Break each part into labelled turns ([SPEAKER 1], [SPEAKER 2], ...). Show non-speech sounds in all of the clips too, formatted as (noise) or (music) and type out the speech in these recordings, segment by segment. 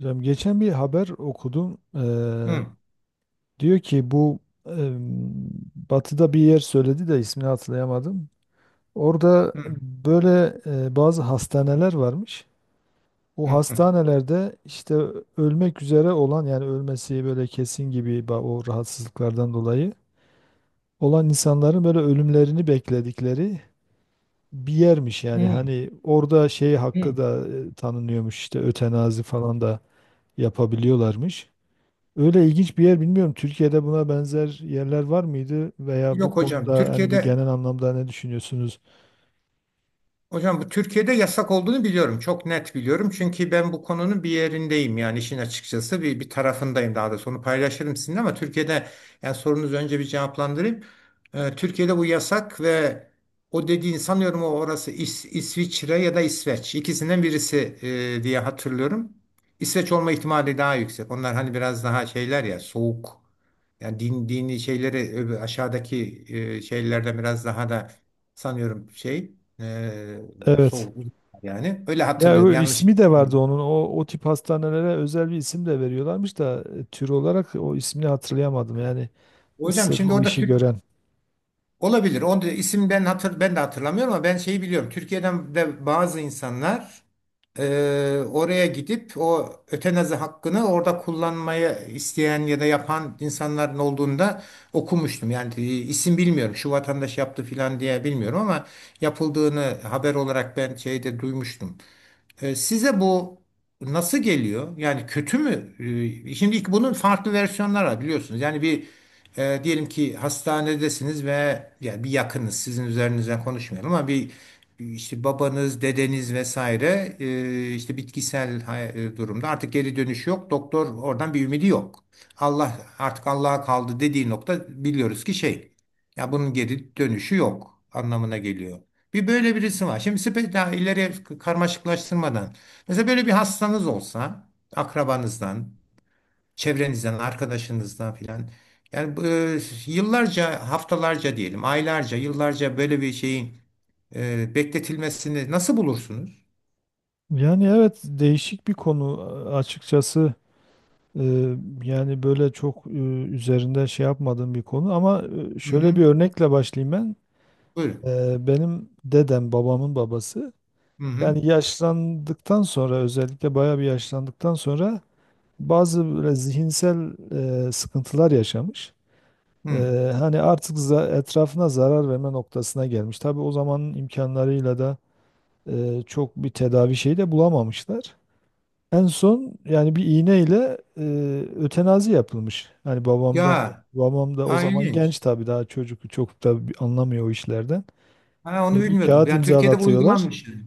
[SPEAKER 1] Hocam geçen bir haber okudum.
[SPEAKER 2] Hı,
[SPEAKER 1] Diyor ki bu eee, Batı'da bir yer söyledi de ismini hatırlayamadım. Orada
[SPEAKER 2] hı,
[SPEAKER 1] böyle bazı hastaneler varmış. O
[SPEAKER 2] hı,
[SPEAKER 1] hastanelerde işte ölmek üzere olan, yani ölmesi böyle kesin gibi o rahatsızlıklardan dolayı olan insanların böyle ölümlerini bekledikleri bir yermiş. Yani
[SPEAKER 2] hı,
[SPEAKER 1] hani orada şey
[SPEAKER 2] hı.
[SPEAKER 1] hakkı da tanınıyormuş, işte ötenazi falan da yapabiliyorlarmış. Öyle ilginç bir yer, bilmiyorum. Türkiye'de buna benzer yerler var mıydı, veya bu
[SPEAKER 2] Yok hocam.
[SPEAKER 1] konuda hani bu genel anlamda ne düşünüyorsunuz?
[SPEAKER 2] Hocam, bu Türkiye'de yasak olduğunu biliyorum. Çok net biliyorum. Çünkü ben bu konunun bir yerindeyim, yani işin açıkçası bir tarafındayım, daha doğrusu. Onu paylaşırım sizinle. Ama yani sorunuzu önce bir cevaplandırayım. Türkiye'de bu yasak ve o dediğin sanıyorum o, orası İsviçre ya da İsveç, ikisinden birisi diye hatırlıyorum. İsveç olma ihtimali daha yüksek. Onlar hani biraz daha şeyler, ya soğuk. Yani din, dini şeyleri aşağıdaki şeylerden biraz daha da sanıyorum şey. Ee,
[SPEAKER 1] Evet.
[SPEAKER 2] soğuk yani. Öyle
[SPEAKER 1] Ya o
[SPEAKER 2] hatırlıyorum. Yanlış.
[SPEAKER 1] ismi de vardı onun. O tip hastanelere özel bir isim de veriyorlarmış da tür olarak o ismini hatırlayamadım. Yani
[SPEAKER 2] Hocam
[SPEAKER 1] sırf
[SPEAKER 2] şimdi
[SPEAKER 1] o
[SPEAKER 2] orada
[SPEAKER 1] işi
[SPEAKER 2] Türk
[SPEAKER 1] gören.
[SPEAKER 2] olabilir. O da isim, ben de hatırlamıyorum, ama ben şeyi biliyorum. Türkiye'den de bazı insanlar oraya gidip o ötenazi hakkını orada kullanmayı isteyen ya da yapan insanların olduğunda okumuştum. Yani isim bilmiyorum. Şu vatandaş yaptı filan diye bilmiyorum, ama yapıldığını haber olarak ben şeyde duymuştum. Size bu nasıl geliyor? Yani kötü mü? Şimdi ilk bunun farklı versiyonları var, biliyorsunuz. Yani bir diyelim ki hastanedesiniz ve yani bir yakınız, sizin üzerinizden konuşmayalım, ama bir işte babanız, dedeniz vesaire işte bitkisel durumda artık geri dönüş yok. Doktor oradan bir ümidi yok. Allah artık, Allah'a kaldı dediği nokta biliyoruz ki şey. Ya bunun geri dönüşü yok anlamına geliyor. Bir böyle birisi var. Şimdi daha ileri karmaşıklaştırmadan, mesela böyle bir hastanız olsa akrabanızdan, çevrenizden, arkadaşınızdan filan. Yani bu, yıllarca, haftalarca diyelim, aylarca, yıllarca böyle bir şeyin bekletilmesini nasıl bulursunuz?
[SPEAKER 1] Yani evet, değişik bir konu açıkçası. Ee, Yani böyle çok üzerinde şey yapmadığım bir konu ama
[SPEAKER 2] Hı
[SPEAKER 1] şöyle
[SPEAKER 2] hı.
[SPEAKER 1] bir örnekle başlayayım ben.
[SPEAKER 2] Buyurun.
[SPEAKER 1] Benim dedem, babamın babası,
[SPEAKER 2] Hı hı.
[SPEAKER 1] yani yaşlandıktan sonra, özellikle bayağı bir yaşlandıktan sonra, bazı böyle zihinsel sıkıntılar yaşamış. E,
[SPEAKER 2] Hı.
[SPEAKER 1] Hani artık etrafına zarar verme noktasına gelmiş. Tabii o zamanın imkanlarıyla da çok bir tedavi şeyi de bulamamışlar. En son yani bir iğneyle ötenazi yapılmış. Hani babamdan da,
[SPEAKER 2] Ya,
[SPEAKER 1] babam da o
[SPEAKER 2] ha,
[SPEAKER 1] zaman
[SPEAKER 2] ilginç.
[SPEAKER 1] genç tabii, daha çocuk, çok da anlamıyor o işlerden.
[SPEAKER 2] Ha, onu
[SPEAKER 1] Bir
[SPEAKER 2] bilmiyordum.
[SPEAKER 1] kağıt
[SPEAKER 2] Yani Türkiye'de bu
[SPEAKER 1] imzalatıyorlar.
[SPEAKER 2] uygulanmış, yani.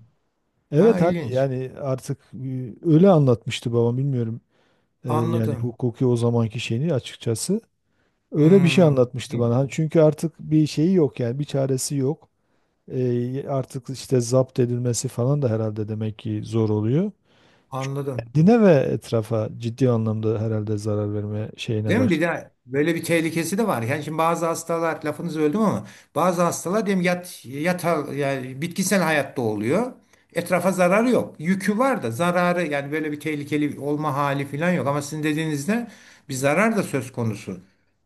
[SPEAKER 2] Ha,
[SPEAKER 1] Evet, hani
[SPEAKER 2] ilginç.
[SPEAKER 1] yani artık, öyle anlatmıştı babam, bilmiyorum yani
[SPEAKER 2] Anladım.
[SPEAKER 1] hukuki o zamanki şeyini açıkçası. Öyle bir şey
[SPEAKER 2] Hmm.
[SPEAKER 1] anlatmıştı bana. Hani çünkü artık bir şeyi yok, yani bir çaresi yok. Artık işte zapt edilmesi falan da herhalde demek ki zor oluyor. Çünkü
[SPEAKER 2] Anladım.
[SPEAKER 1] kendine ve etrafa ciddi anlamda herhalde zarar verme şeyine
[SPEAKER 2] Değil mi? Bir
[SPEAKER 1] başladı.
[SPEAKER 2] de böyle bir tehlikesi de var. Yani şimdi bazı hastalar lafınızı öldüm, ama bazı hastalar diyelim yat, yata, yani bitkisel hayatta oluyor. Etrafa zararı yok. Yükü var da zararı, yani böyle bir tehlikeli olma hali falan yok. Ama sizin dediğinizde bir zarar da söz konusu.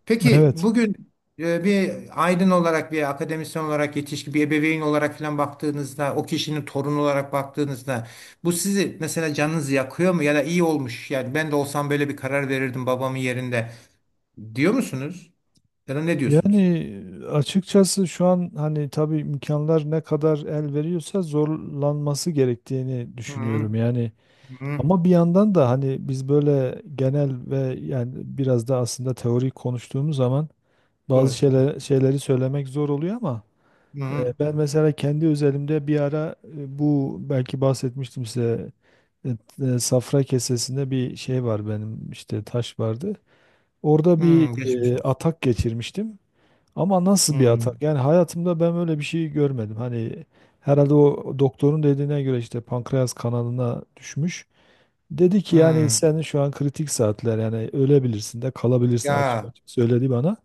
[SPEAKER 2] Peki
[SPEAKER 1] Evet.
[SPEAKER 2] bugün bir aydın olarak, bir akademisyen olarak, yetişkin bir ebeveyn olarak falan baktığınızda, o kişinin torunu olarak baktığınızda bu sizi mesela canınızı yakıyor mu? Ya da iyi olmuş, yani ben de olsam böyle bir karar verirdim babamın yerinde, diyor musunuz? Ya da ne diyorsunuz?
[SPEAKER 1] Yani açıkçası şu an hani tabii imkanlar ne kadar el veriyorsa zorlanması gerektiğini
[SPEAKER 2] Hı
[SPEAKER 1] düşünüyorum. Yani,
[SPEAKER 2] hı.
[SPEAKER 1] ama bir yandan da hani biz böyle genel ve yani biraz da aslında teorik konuştuğumuz zaman bazı
[SPEAKER 2] Doğru.
[SPEAKER 1] şeyler, şeyleri söylemek zor oluyor ama
[SPEAKER 2] Hı hı.
[SPEAKER 1] ben mesela kendi özelimde bir ara, bu belki bahsetmiştim size, e, safra kesesinde bir şey var benim, işte taş vardı. Orada bir
[SPEAKER 2] Hı, geçmiş olsun.
[SPEAKER 1] atak geçirmiştim. Ama nasıl
[SPEAKER 2] Hı
[SPEAKER 1] bir atak? Yani hayatımda ben öyle bir şey görmedim. Hani herhalde o doktorun dediğine göre işte pankreas kanalına düşmüş. Dedi ki yani
[SPEAKER 2] hı.
[SPEAKER 1] senin şu an kritik saatler, yani ölebilirsin de kalabilirsin, açık
[SPEAKER 2] Ya.
[SPEAKER 1] açık söyledi bana.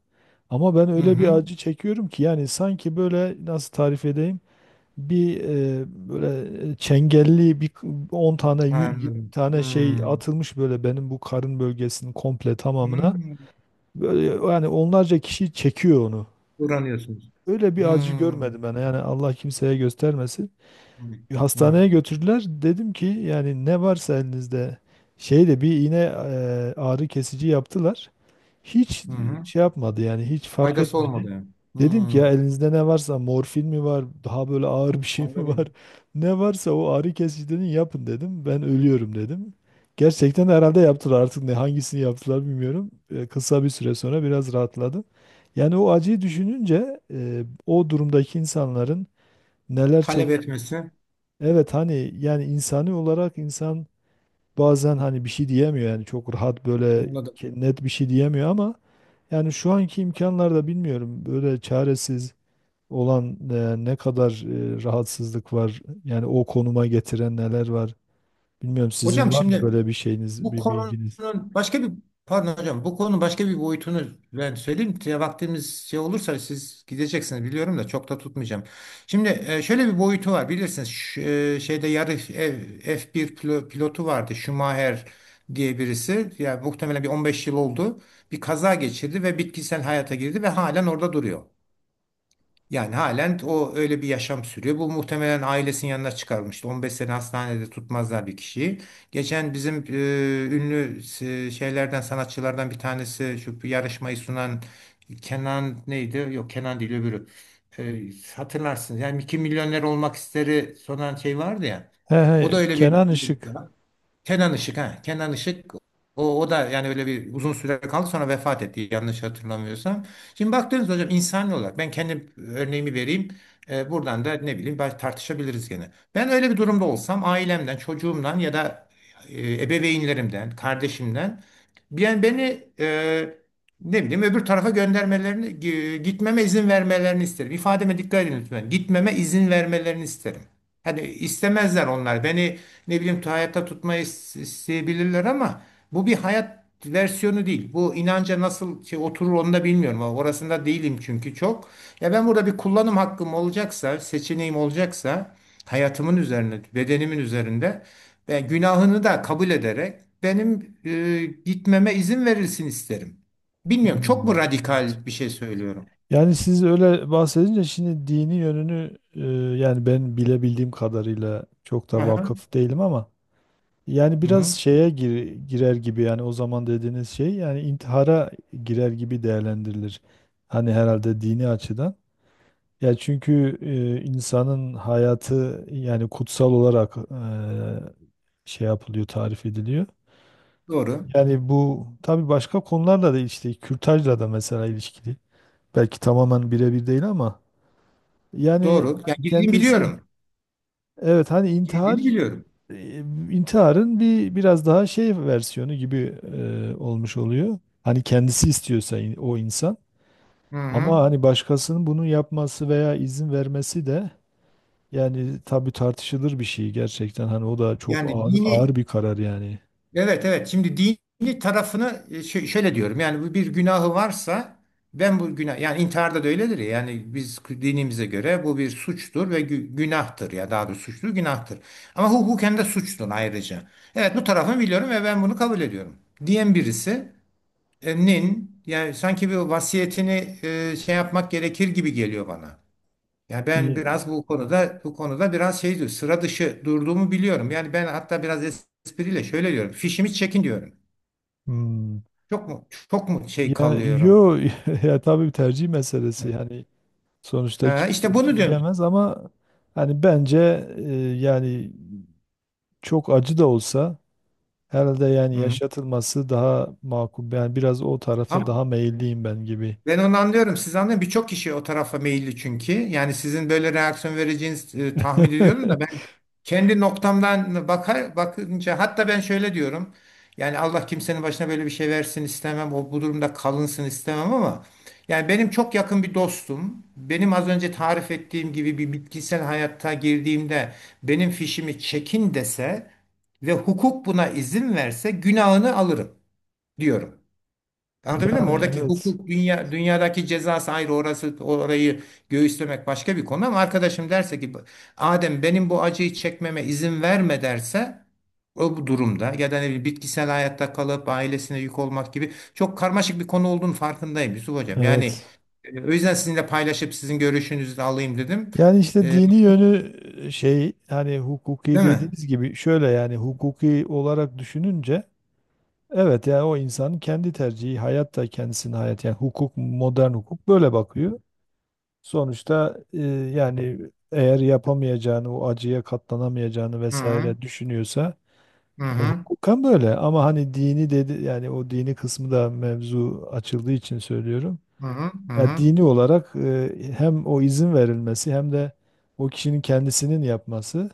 [SPEAKER 1] Ama ben
[SPEAKER 2] Hı
[SPEAKER 1] öyle bir
[SPEAKER 2] hı.
[SPEAKER 1] acı çekiyorum ki, yani sanki böyle, nasıl tarif edeyim, bir böyle çengelli bir 10 tane 20
[SPEAKER 2] Anladım.
[SPEAKER 1] tane şey
[SPEAKER 2] Hı
[SPEAKER 1] atılmış böyle benim bu karın bölgesinin komple
[SPEAKER 2] hı.
[SPEAKER 1] tamamına. Böyle, yani onlarca kişi çekiyor onu.
[SPEAKER 2] Uğranıyorsunuz.
[SPEAKER 1] Öyle bir
[SPEAKER 2] Hı
[SPEAKER 1] acı
[SPEAKER 2] hı.
[SPEAKER 1] görmedim ben, yani Allah kimseye göstermesin.
[SPEAKER 2] Evet.
[SPEAKER 1] Hastaneye götürdüler. Dedim ki yani ne varsa elinizde. Şeyle bir iğne, ağrı kesici yaptılar. Hiç
[SPEAKER 2] Hı hı.
[SPEAKER 1] şey yapmadı, yani hiç fark
[SPEAKER 2] Faydası
[SPEAKER 1] etmedi.
[SPEAKER 2] olmadı yani.
[SPEAKER 1] Dedim ki ya
[SPEAKER 2] Hı.
[SPEAKER 1] elinizde ne varsa, morfin mi var, daha böyle ağır bir şey mi
[SPEAKER 2] Anladım.
[SPEAKER 1] var, (laughs) ne varsa o ağrı kesiciden yapın dedim, ben ölüyorum dedim. Gerçekten herhalde yaptılar, artık ne hangisini yaptılar bilmiyorum. Kısa bir süre sonra biraz rahatladım. Yani o acıyı düşününce o durumdaki insanların neler
[SPEAKER 2] Talep
[SPEAKER 1] çektiğini...
[SPEAKER 2] etmesi.
[SPEAKER 1] Evet, hani yani insani olarak insan bazen hani bir şey diyemiyor, yani çok rahat böyle
[SPEAKER 2] Anladım.
[SPEAKER 1] net bir şey diyemiyor ama yani şu anki imkanlarda bilmiyorum, böyle çaresiz olan, ne kadar rahatsızlık var, yani o konuma getiren neler var bilmiyorum, sizin
[SPEAKER 2] Hocam
[SPEAKER 1] var mı
[SPEAKER 2] şimdi
[SPEAKER 1] böyle bir şeyiniz,
[SPEAKER 2] Bu
[SPEAKER 1] bir
[SPEAKER 2] konunun
[SPEAKER 1] bilginiz?
[SPEAKER 2] başka bir pardon hocam, bu konunun başka bir boyutunu ben söyleyeyim. Ya vaktimiz şey olursa siz gideceksiniz biliyorum, da çok da tutmayacağım. Şimdi şöyle bir boyutu var, bilirsiniz. Şu, şeyde yarı F1 pilotu vardı, Schumacher diye birisi. Yani muhtemelen bir 15 yıl oldu. Bir kaza geçirdi ve bitkisel hayata girdi ve halen orada duruyor. Yani halen o, öyle bir yaşam sürüyor. Bu muhtemelen ailesinin yanına çıkarmıştı. 15 sene hastanede tutmazlar bir kişiyi. Geçen bizim ünlü şeylerden, sanatçılardan bir tanesi, şu bir yarışmayı sunan, Kenan neydi? Yok, Kenan değil öbürü. E, Hatırlarsınız. Yani 2 milyoner olmak isteri sunan şey vardı ya.
[SPEAKER 1] He
[SPEAKER 2] O da
[SPEAKER 1] he,
[SPEAKER 2] öyle bir
[SPEAKER 1] Kenan Işık.
[SPEAKER 2] Kenan Işık, ha. Kenan Işık, o, o da yani öyle bir uzun süre kaldı, sonra vefat etti, yanlış hatırlamıyorsam. Şimdi baktığınız hocam, insani olarak ben kendi örneğimi vereyim. Buradan da ne bileyim, belki tartışabiliriz gene. Ben öyle bir durumda olsam ailemden, çocuğumdan ya da ebeveynlerimden, kardeşimden, yani beni ne bileyim öbür tarafa göndermelerini, gitmeme izin vermelerini isterim. İfademe dikkat edin lütfen. Gitmeme izin vermelerini isterim. Hani istemezler onlar. Beni ne bileyim hayatta tutmayı isteyebilirler, ama bu bir hayat versiyonu değil. Bu inanca nasıl şey oturur, onu da bilmiyorum. Orasında değilim çünkü çok. Ya ben burada bir kullanım hakkım olacaksa, seçeneğim olacaksa hayatımın üzerine, bedenimin üzerinde ve günahını da kabul ederek benim gitmeme izin verilsin isterim. Bilmiyorum, çok
[SPEAKER 1] Hmm,
[SPEAKER 2] mu
[SPEAKER 1] evet.
[SPEAKER 2] radikal bir şey söylüyorum?
[SPEAKER 1] Yani siz öyle bahsedince, şimdi dini yönünü, yani ben bilebildiğim kadarıyla çok da
[SPEAKER 2] Aha.
[SPEAKER 1] vakıf değilim ama yani
[SPEAKER 2] Hı
[SPEAKER 1] biraz
[SPEAKER 2] hı.
[SPEAKER 1] şeye girer gibi, yani o zaman dediğiniz şey yani intihara girer gibi değerlendirilir. Hani herhalde dini açıdan. Ya çünkü insanın hayatı yani kutsal olarak şey yapılıyor, tarif ediliyor.
[SPEAKER 2] Doğru.
[SPEAKER 1] Yani bu tabii başka konularla da, işte kürtajla da mesela ilişkili. Belki tamamen birebir değil ama
[SPEAKER 2] Doğru.
[SPEAKER 1] yani
[SPEAKER 2] Yani girdiğini
[SPEAKER 1] kendisi,
[SPEAKER 2] biliyorum.
[SPEAKER 1] evet, hani
[SPEAKER 2] Girdiğini
[SPEAKER 1] intihar,
[SPEAKER 2] biliyorum.
[SPEAKER 1] e, intiharın bir biraz daha şey versiyonu gibi olmuş oluyor. Hani kendisi istiyorsa, o insan.
[SPEAKER 2] Hı hı.
[SPEAKER 1] Ama hani başkasının bunu yapması veya izin vermesi de, yani tabii tartışılır bir şey gerçekten. Hani o da çok
[SPEAKER 2] Yani
[SPEAKER 1] ağır, ağır
[SPEAKER 2] dini
[SPEAKER 1] bir karar yani.
[SPEAKER 2] Evet, evet. Şimdi dini tarafını şöyle diyorum. Yani bu bir günahı varsa ben bu günah, yani intiharda da öyledir ya. Yani biz dinimize göre bu bir suçtur ve günahtır, ya daha doğrusu suçtur, günahtır. Ama hukuken de suçtur ayrıca. Evet, bu tarafını biliyorum ve ben bunu kabul ediyorum, diyen birisi nin yani sanki bir vasiyetini şey yapmak gerekir gibi geliyor bana. Yani ben
[SPEAKER 1] İyi.
[SPEAKER 2] biraz bu konuda biraz şey diyor, sıra dışı durduğumu biliyorum. Yani ben hatta biraz espriyle şöyle diyorum, fişimi çekin diyorum.
[SPEAKER 1] Hmm.
[SPEAKER 2] Çok mu şey
[SPEAKER 1] Ya
[SPEAKER 2] kalıyorum?
[SPEAKER 1] yo, (laughs) ya tabii bir tercih meselesi. Yani sonuçta
[SPEAKER 2] Ha, işte
[SPEAKER 1] kimse bir
[SPEAKER 2] bunu
[SPEAKER 1] şey
[SPEAKER 2] diyorum.
[SPEAKER 1] diyemez ama hani bence e, yani çok acı da olsa herhalde yani
[SPEAKER 2] Hı.
[SPEAKER 1] yaşatılması daha makul. Yani biraz o tarafa
[SPEAKER 2] Ama,
[SPEAKER 1] daha meyilliyim ben gibi.
[SPEAKER 2] ben onu anlıyorum. Siz anlayın, birçok kişi o tarafa meyilli çünkü. Yani sizin böyle reaksiyon vereceğiniz tahmin ediyorum da, ben
[SPEAKER 1] (laughs)
[SPEAKER 2] kendi noktamdan bakar bakınca hatta ben şöyle diyorum. Yani Allah kimsenin başına böyle bir şey versin istemem. O, bu durumda kalınsın istemem, ama yani benim çok yakın bir dostum, benim az önce tarif ettiğim gibi bir bitkisel hayatta girdiğimde benim fişimi çekin dese ve hukuk buna izin verse, günahını alırım diyorum. Anlatabiliyor muyum?
[SPEAKER 1] Yani
[SPEAKER 2] Oradaki
[SPEAKER 1] evet.
[SPEAKER 2] hukuk, dünyadaki cezası ayrı, orası, orayı göğüslemek başka bir konu. Ama arkadaşım derse ki Adem, benim bu acıyı çekmeme izin verme derse, o, bu durumda ya da ne bileyim, bitkisel hayatta kalıp ailesine yük olmak gibi, çok karmaşık bir konu olduğunu farkındayım Yusuf Hocam. Yani
[SPEAKER 1] Evet.
[SPEAKER 2] o yüzden sizinle paylaşıp sizin görüşünüzü de alayım dedim.
[SPEAKER 1] Yani işte
[SPEAKER 2] E,
[SPEAKER 1] dini yönü şey, hani hukuki
[SPEAKER 2] Değil mi?
[SPEAKER 1] dediğiniz gibi, şöyle yani hukuki olarak düşününce, evet yani o insanın kendi tercihi, hayat da kendisinin, hayat, yani hukuk, modern hukuk böyle bakıyor. Sonuçta yani eğer yapamayacağını, o acıya katlanamayacağını
[SPEAKER 2] Hı hı,
[SPEAKER 1] vesaire düşünüyorsa...
[SPEAKER 2] hı,
[SPEAKER 1] Yani
[SPEAKER 2] hı,
[SPEAKER 1] hukuken böyle, ama hani dini dedi, yani o dini kısmı da mevzu açıldığı için söylüyorum.
[SPEAKER 2] hı, hı, hı.
[SPEAKER 1] Yani
[SPEAKER 2] Hı.
[SPEAKER 1] dini olarak hem o izin verilmesi, hem de o kişinin kendisinin yapması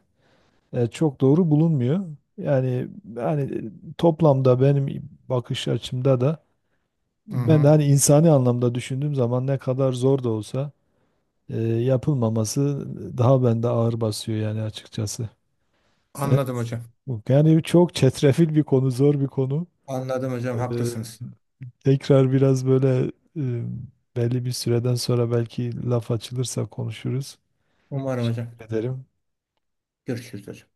[SPEAKER 1] çok doğru bulunmuyor. Yani yani toplamda benim bakış açımda da,
[SPEAKER 2] Hı
[SPEAKER 1] ben de
[SPEAKER 2] hı.
[SPEAKER 1] hani insani anlamda düşündüğüm zaman, ne kadar zor da olsa yapılmaması daha bende ağır basıyor yani, açıkçası. (laughs)
[SPEAKER 2] Anladım
[SPEAKER 1] Evet,
[SPEAKER 2] hocam.
[SPEAKER 1] yani çok çetrefil bir konu, zor bir konu.
[SPEAKER 2] Anladım
[SPEAKER 1] E,
[SPEAKER 2] hocam, haklısınız.
[SPEAKER 1] Tekrar biraz böyle e, belli bir süreden sonra belki laf açılırsa konuşuruz.
[SPEAKER 2] Umarım hocam.
[SPEAKER 1] Teşekkür ederim.
[SPEAKER 2] Görüşürüz hocam.